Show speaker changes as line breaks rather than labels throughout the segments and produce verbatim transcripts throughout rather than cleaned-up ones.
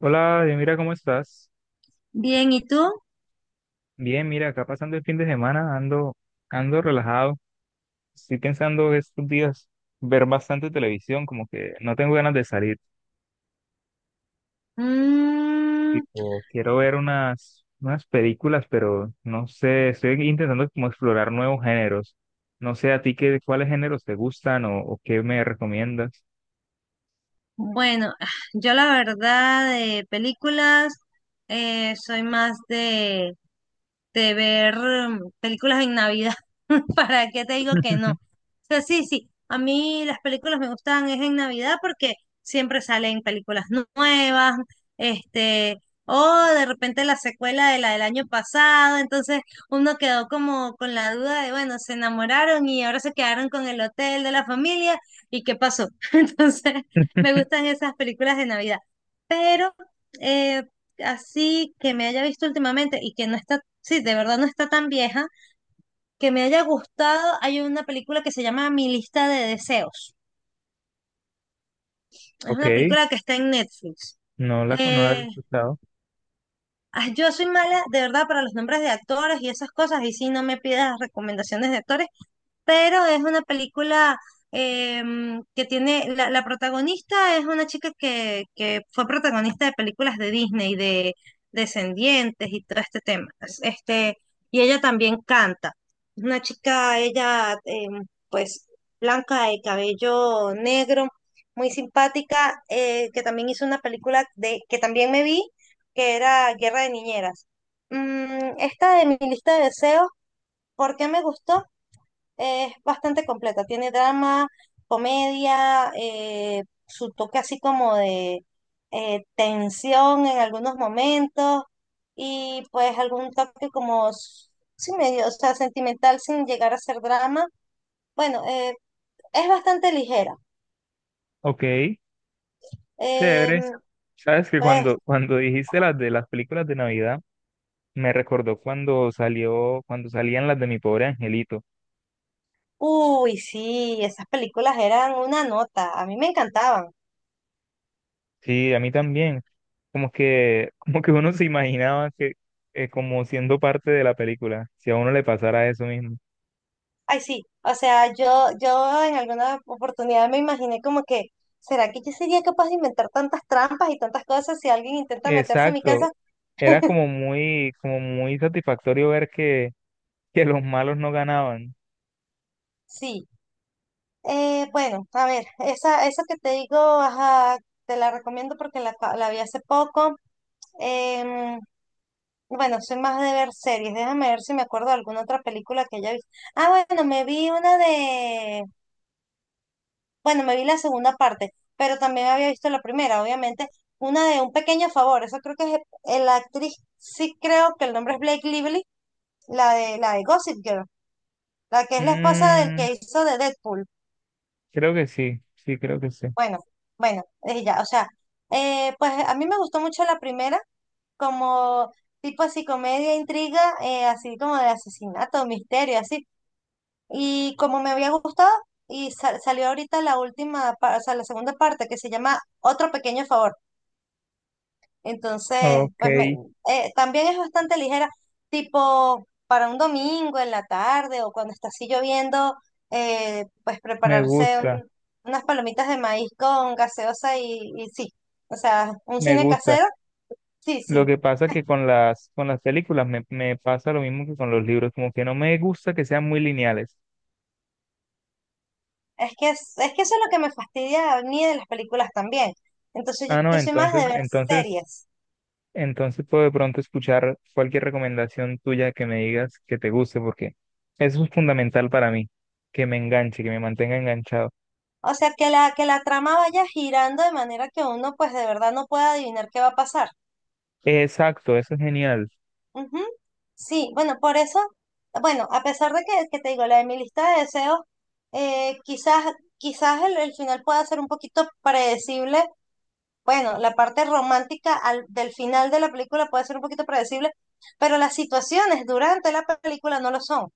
Hola, Dios, mira, ¿cómo estás?
Bien, ¿y tú?
Bien, mira, acá pasando el fin de semana, ando, ando relajado. Estoy pensando estos días ver bastante televisión, como que no tengo ganas de salir.
Mm,
Tipo, quiero ver unas, unas películas, pero no sé, estoy intentando como explorar nuevos géneros. No sé a ti qué, cuáles géneros te gustan o, o qué me recomiendas.
bueno, ah, yo la verdad de películas eh, soy más de, de ver em, películas en Navidad. ¿Para qué te digo que no? O sea, sí, sí, a mí las películas me gustan es en Navidad porque siempre salen películas nu- nuevas, este, o de repente la secuela de la del año pasado, entonces uno quedó como con la duda de, bueno, se enamoraron y ahora se quedaron con el hotel de la familia y qué pasó. Entonces, me gustan esas películas de Navidad, pero eh, así que me haya visto últimamente y que no está sí, de verdad no está tan vieja, que me haya gustado, hay una película que se llama Mi lista de deseos. Es
Ok,
una película que está en Netflix.
no la, no la he
Eh,
escuchado.
ah, yo soy mala, de verdad, para los nombres de actores y esas cosas, y sí, no me pidas recomendaciones de actores, pero es una película em, que tiene, la, la protagonista es una chica que, que fue protagonista de películas de Disney, de Descendientes y todo este tema. Es- Este, y ella también canta. Es una chica, ella, em, pues, blanca de cabello negro, muy simpática, eh, que también hizo una película de, que también me vi, que era Guerra de Niñeras. Mm, esta de mi lista de deseos, ¿por qué me gustó? Es bastante completa, tiene drama, comedia, eh, su toque así como de eh, tensión en algunos momentos y pues algún toque como, s- sí, medio, o sea, sentimental sin llegar a ser drama. Bueno, eh, es bastante ligera.
Ok,
Em,
chévere. Sabes que
pues,
cuando, cuando dijiste las de las películas de Navidad, me recordó cuando salió, cuando salían las de Mi Pobre Angelito.
uy, sí, esas películas eran una nota, a mí me encantaban.
Sí, a mí también. Como que, como que uno se imaginaba que, eh, como siendo parte de la película, si a uno le pasara eso mismo.
Ay, sí, o sea, yo, yo en alguna oportunidad me imaginé como que, ¿será que yo sería capaz de inventar tantas trampas y tantas cosas si alguien intenta meterse en mi
Exacto.
casa?
Era como muy, como muy satisfactorio ver que, que los malos no ganaban.
Sí. Eh, bueno, a ver, esa, esa que te digo, ajá, te la recomiendo porque la, ca- la vi hace poco. Em, bueno, soy más de ver series, déjame ver si me acuerdo de alguna otra película que haya visto. Ah, bueno, me vi una de. Bueno, me vi la segunda parte, pero también había visto la primera, obviamente. Una de Un Pequeño Favor, esa creo que es eh, la actriz, sí creo que el nombre es Blake Lively, la de, la de Gossip Girl, la que es la esposa del
Mm,
que hizo de Deadpool.
creo que sí, sí, creo que sí.
Bueno, bueno, ella, o sea, eh, pues a mí me gustó mucho la primera, como tipo así comedia, intriga, eh, así como de asesinato, misterio, así. Y como me había gustado, y sal- salió ahorita la última, pa- o sea, la segunda parte que se llama Otro Pequeño Favor. Entonces,
Ok,
pues me- eh, también es bastante ligera, tipo para un domingo en la tarde o cuando está así lloviendo, eh, pues
me
prepararse
gusta,
un- unas palomitas de maíz con gaseosa y, y sí, o sea, un
me
cine
gusta.
casero, sí,
Lo
sí.
que pasa que con las, con las películas me, me pasa lo mismo que con los libros, como que no me gusta que sean muy lineales.
Es que, es, es que eso es lo que me fastidia a mí de las películas también. Entonces yo,
Ah, no,
yo soy más de
entonces,
ver
entonces,
series.
entonces puedo de pronto escuchar cualquier recomendación tuya que me digas que te guste, porque eso es fundamental para mí, que me enganche, que me mantenga enganchado.
O sea, que la, que la trama vaya girando de manera que uno pues de verdad no pueda adivinar qué va a pasar.
Exacto, eso es genial.
Ujú. Sí, bueno, por eso, bueno, a pesar de que, que te digo, la de mi lista de deseos, eh, quizás, quizás el, el final pueda ser un poquito predecible. Bueno, la parte romántica al- del final de la película puede ser un poquito predecible, pero las situaciones durante la película no lo son.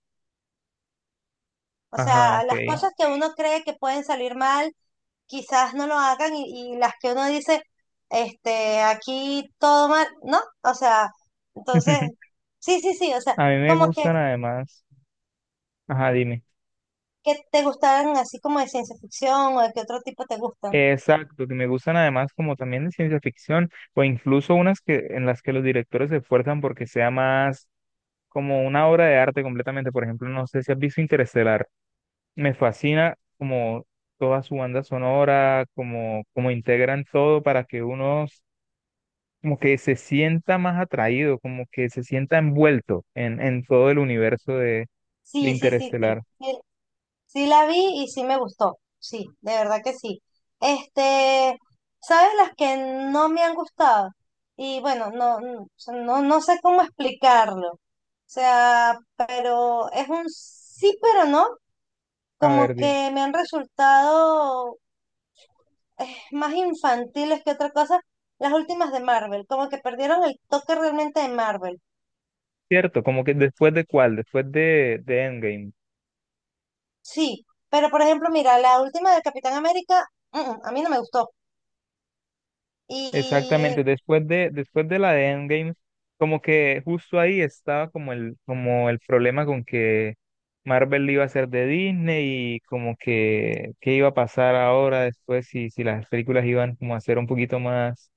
O
Ajá,
sea,
ok.
las Ah, cosas que uno cree que pueden salir mal, quizás no lo hagan y, y las que uno dice, este, aquí todo mal, ¿no? O sea, entonces, sí, sí, sí, o sea.
A mí me
Como que,
gustan además. Ajá, dime.
¿qué te gustaban así como de ciencia ficción o de qué otro tipo te gustan?
Exacto, que me gustan además como también de ciencia ficción o incluso unas que en las que los directores se esfuerzan porque sea más como una obra de arte completamente. Por ejemplo, no sé si has visto Interestelar. Me fascina como toda su banda sonora, como como integran todo para que uno como que se sienta más atraído, como que se sienta envuelto en en todo el universo de de
Sí, sí, sí, sí.
Interestelar.
Sí, sí la vi y sí me gustó. Sí, de verdad que sí. Este, ¿sabes las que no me han gustado? Y bueno, no, no, o sea, no, no sé cómo explicarlo. O sea, pero es un sí, pero no.
A
Como
ver, dime.
que me han resultado eh, más infantiles que otra cosa. Las últimas de Marvel, como que perdieron el toque realmente de Marvel.
Cierto, como que después de cuál, después de de Endgame.
Sí, pero por ejemplo, mira, la última del Capitán América, mm, mm, a mí no me gustó. Y
Exactamente, después de, después de la de Endgame, como que justo ahí estaba como el, como el problema con que Marvel iba a ser de Disney y como que qué iba a pasar ahora después si, si las películas iban como a ser un poquito más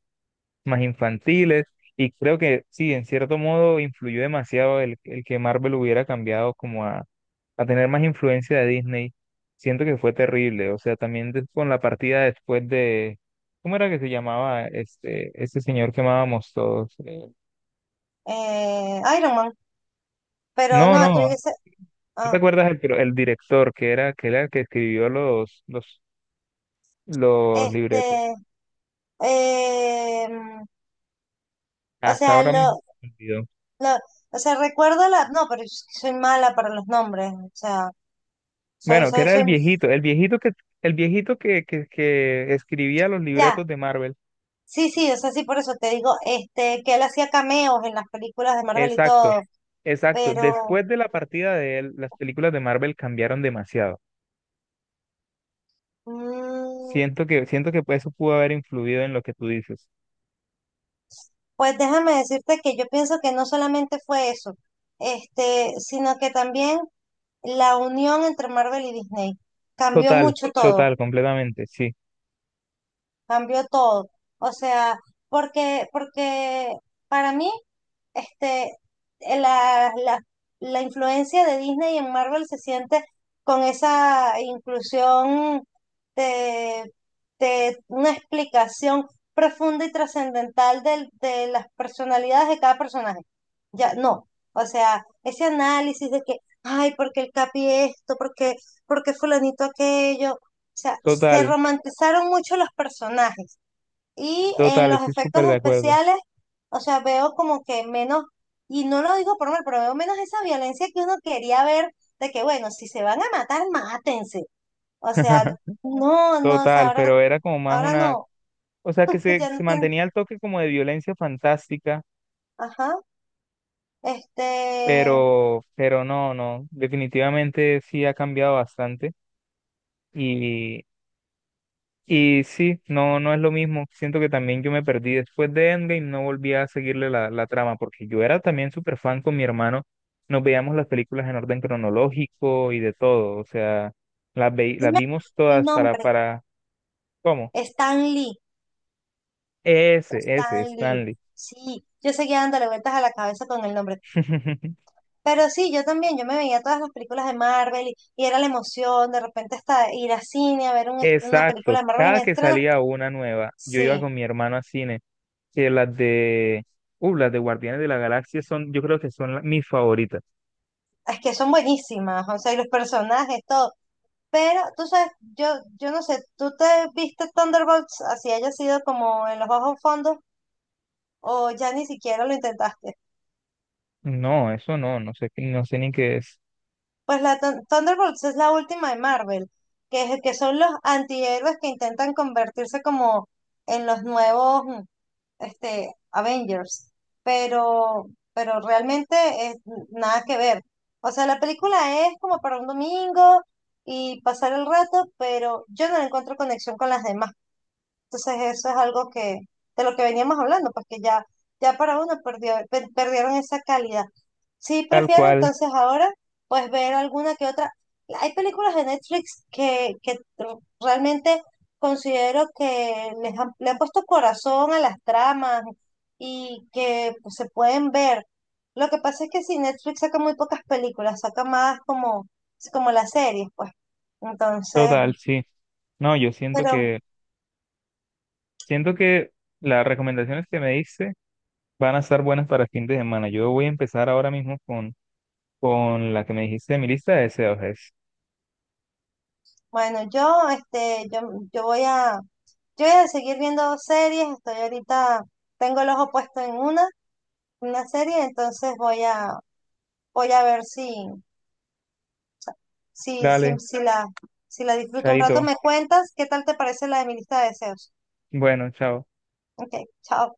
más infantiles, y creo que sí, en cierto modo influyó demasiado el, el que Marvel hubiera cambiado como a, a tener más influencia de Disney. Siento que fue terrible, o sea, también des- con la partida después de, ¿cómo era que se llamaba este, este señor que amábamos todos? Eh,
eh, Iron Man, pero
no, no,
no, tú
no,
dices,
¿no te
ah,
acuerdas el, pro- el director que era, que era el que escribió los, los, los libretos?
este, eh, mm, o
Hasta
sea,
ahora mismo.
lo,
Me olvidó.
lo- o sea, recuerdo la, no, pero yo soy mala para los nombres, o sea, soy,
Bueno, que
soy,
era el
soy,
viejito, el viejito que, el viejito que, que, que escribía los
ya,
libretos de Marvel.
sí, sí, o sea, sí, por eso te digo, este, que él hacía cameos en las películas de Marvel y
Exacto,
todo,
exacto.
pero,
Después de la partida de él, las películas de Marvel cambiaron demasiado.
mm,
Siento que, siento que pues, eso pudo haber influido en lo que tú dices.
pues déjame decirte que yo pienso que no solamente fue eso, este, sino que también la unión entre Marvel y Disney cambió
Total,
mucho todo,
total, completamente, sí.
cambió todo. O sea, porque, porque para mí este, eh, la, la, la influencia de Disney en Marvel se siente con esa inclusión de, de una explicación profunda y trascendental del- de las personalidades de cada personaje. Ya, no. O sea, ese análisis de que, ay, porque el Capi esto, porque, porque fulanito aquello. O sea, se
Total,
romantizaron mucho los personajes y en
total,
los
estoy
efectos
súper de acuerdo.
especiales, o sea, veo como que menos, y no lo digo por mal, pero veo menos esa violencia que uno quería ver, de que bueno, si se van a matar, mátense. O sea, no, no, o sea,
Total,
ahora,
pero era como más
ahora
una,
no,
o sea que se,
ya no
se
tiene,
mantenía el toque como de violencia fantástica,
ajá, este,
pero, pero no, no, definitivamente sí ha cambiado bastante Y, y sí, no, no es lo mismo. Siento que también yo me perdí después de Endgame, no volví a seguirle la, la trama, porque yo era también súper fan con mi hermano. Nos veíamos las películas en orden cronológico y de todo. O sea, las, ve-
no
las
me acuerdo
vimos
el
todas para,
nombre,
para, ¿cómo?
Stan Lee,
Ese, ese,
Stan Lee,
Stanley.
sí, yo seguía dándole vueltas a la cabeza con el nombre. Pero sí, yo también, yo me veía todas las películas de Marvel y, y era la emoción, de repente hasta ir a cine a ver un est- una película
Exacto.
de Marvel en
Cada que
estreno.
salía una nueva, yo iba
Sí,
con mi hermano a cine, que las de, uh, las de Guardianes de la Galaxia son, yo creo que son la- mis favoritas.
es que son buenísimas, o sea, y los personajes, todo. Pero tú sabes, yo, yo no sé, ¿tú te viste Thunderbolts así haya sido como en los bajos fondos o ya ni siquiera lo intentaste?
No, eso no, no sé, qué- no sé ni qué es.
Pues la Thun- Thunderbolts es la última de Marvel, que, es, que son los antihéroes que intentan convertirse como en los nuevos, mm, este, Avengers, pero, pero realmente es nada que ver. O sea, la película es como para un domingo y pasar el rato, pero yo no le encuentro conexión con las demás, entonces eso es algo que, de lo que veníamos hablando, porque ya, ya para uno perdió, per- perdieron esa calidad. Sí,
Tal
prefiero
cual,
entonces ahora pues ver alguna que otra. Hay películas de Netflix que, que tr- realmente considero que les han, le han puesto corazón a las tramas y que pues, se pueden ver. Lo que pasa es que si Netflix saca muy pocas películas, saca más como, como las series, pues. Entonces,
total, sí. No, yo siento
pero
que, siento que las recomendaciones que me diste van a estar buenas para el fin de semana. Yo voy a empezar ahora mismo con, con la que me dijiste de mi lista de deseos. Es,
bueno, yo, este, yo, yo voy a, yo voy a seguir viendo series, estoy ahorita, tengo el ojo puesto en una, una serie, entonces voy a, voy a ver si, si, si,
dale,
si la, si la disfruto un rato.
chaito.
¿Me cuentas qué tal te parece la de mi lista de deseos?
Bueno, chao.
Ok, chao.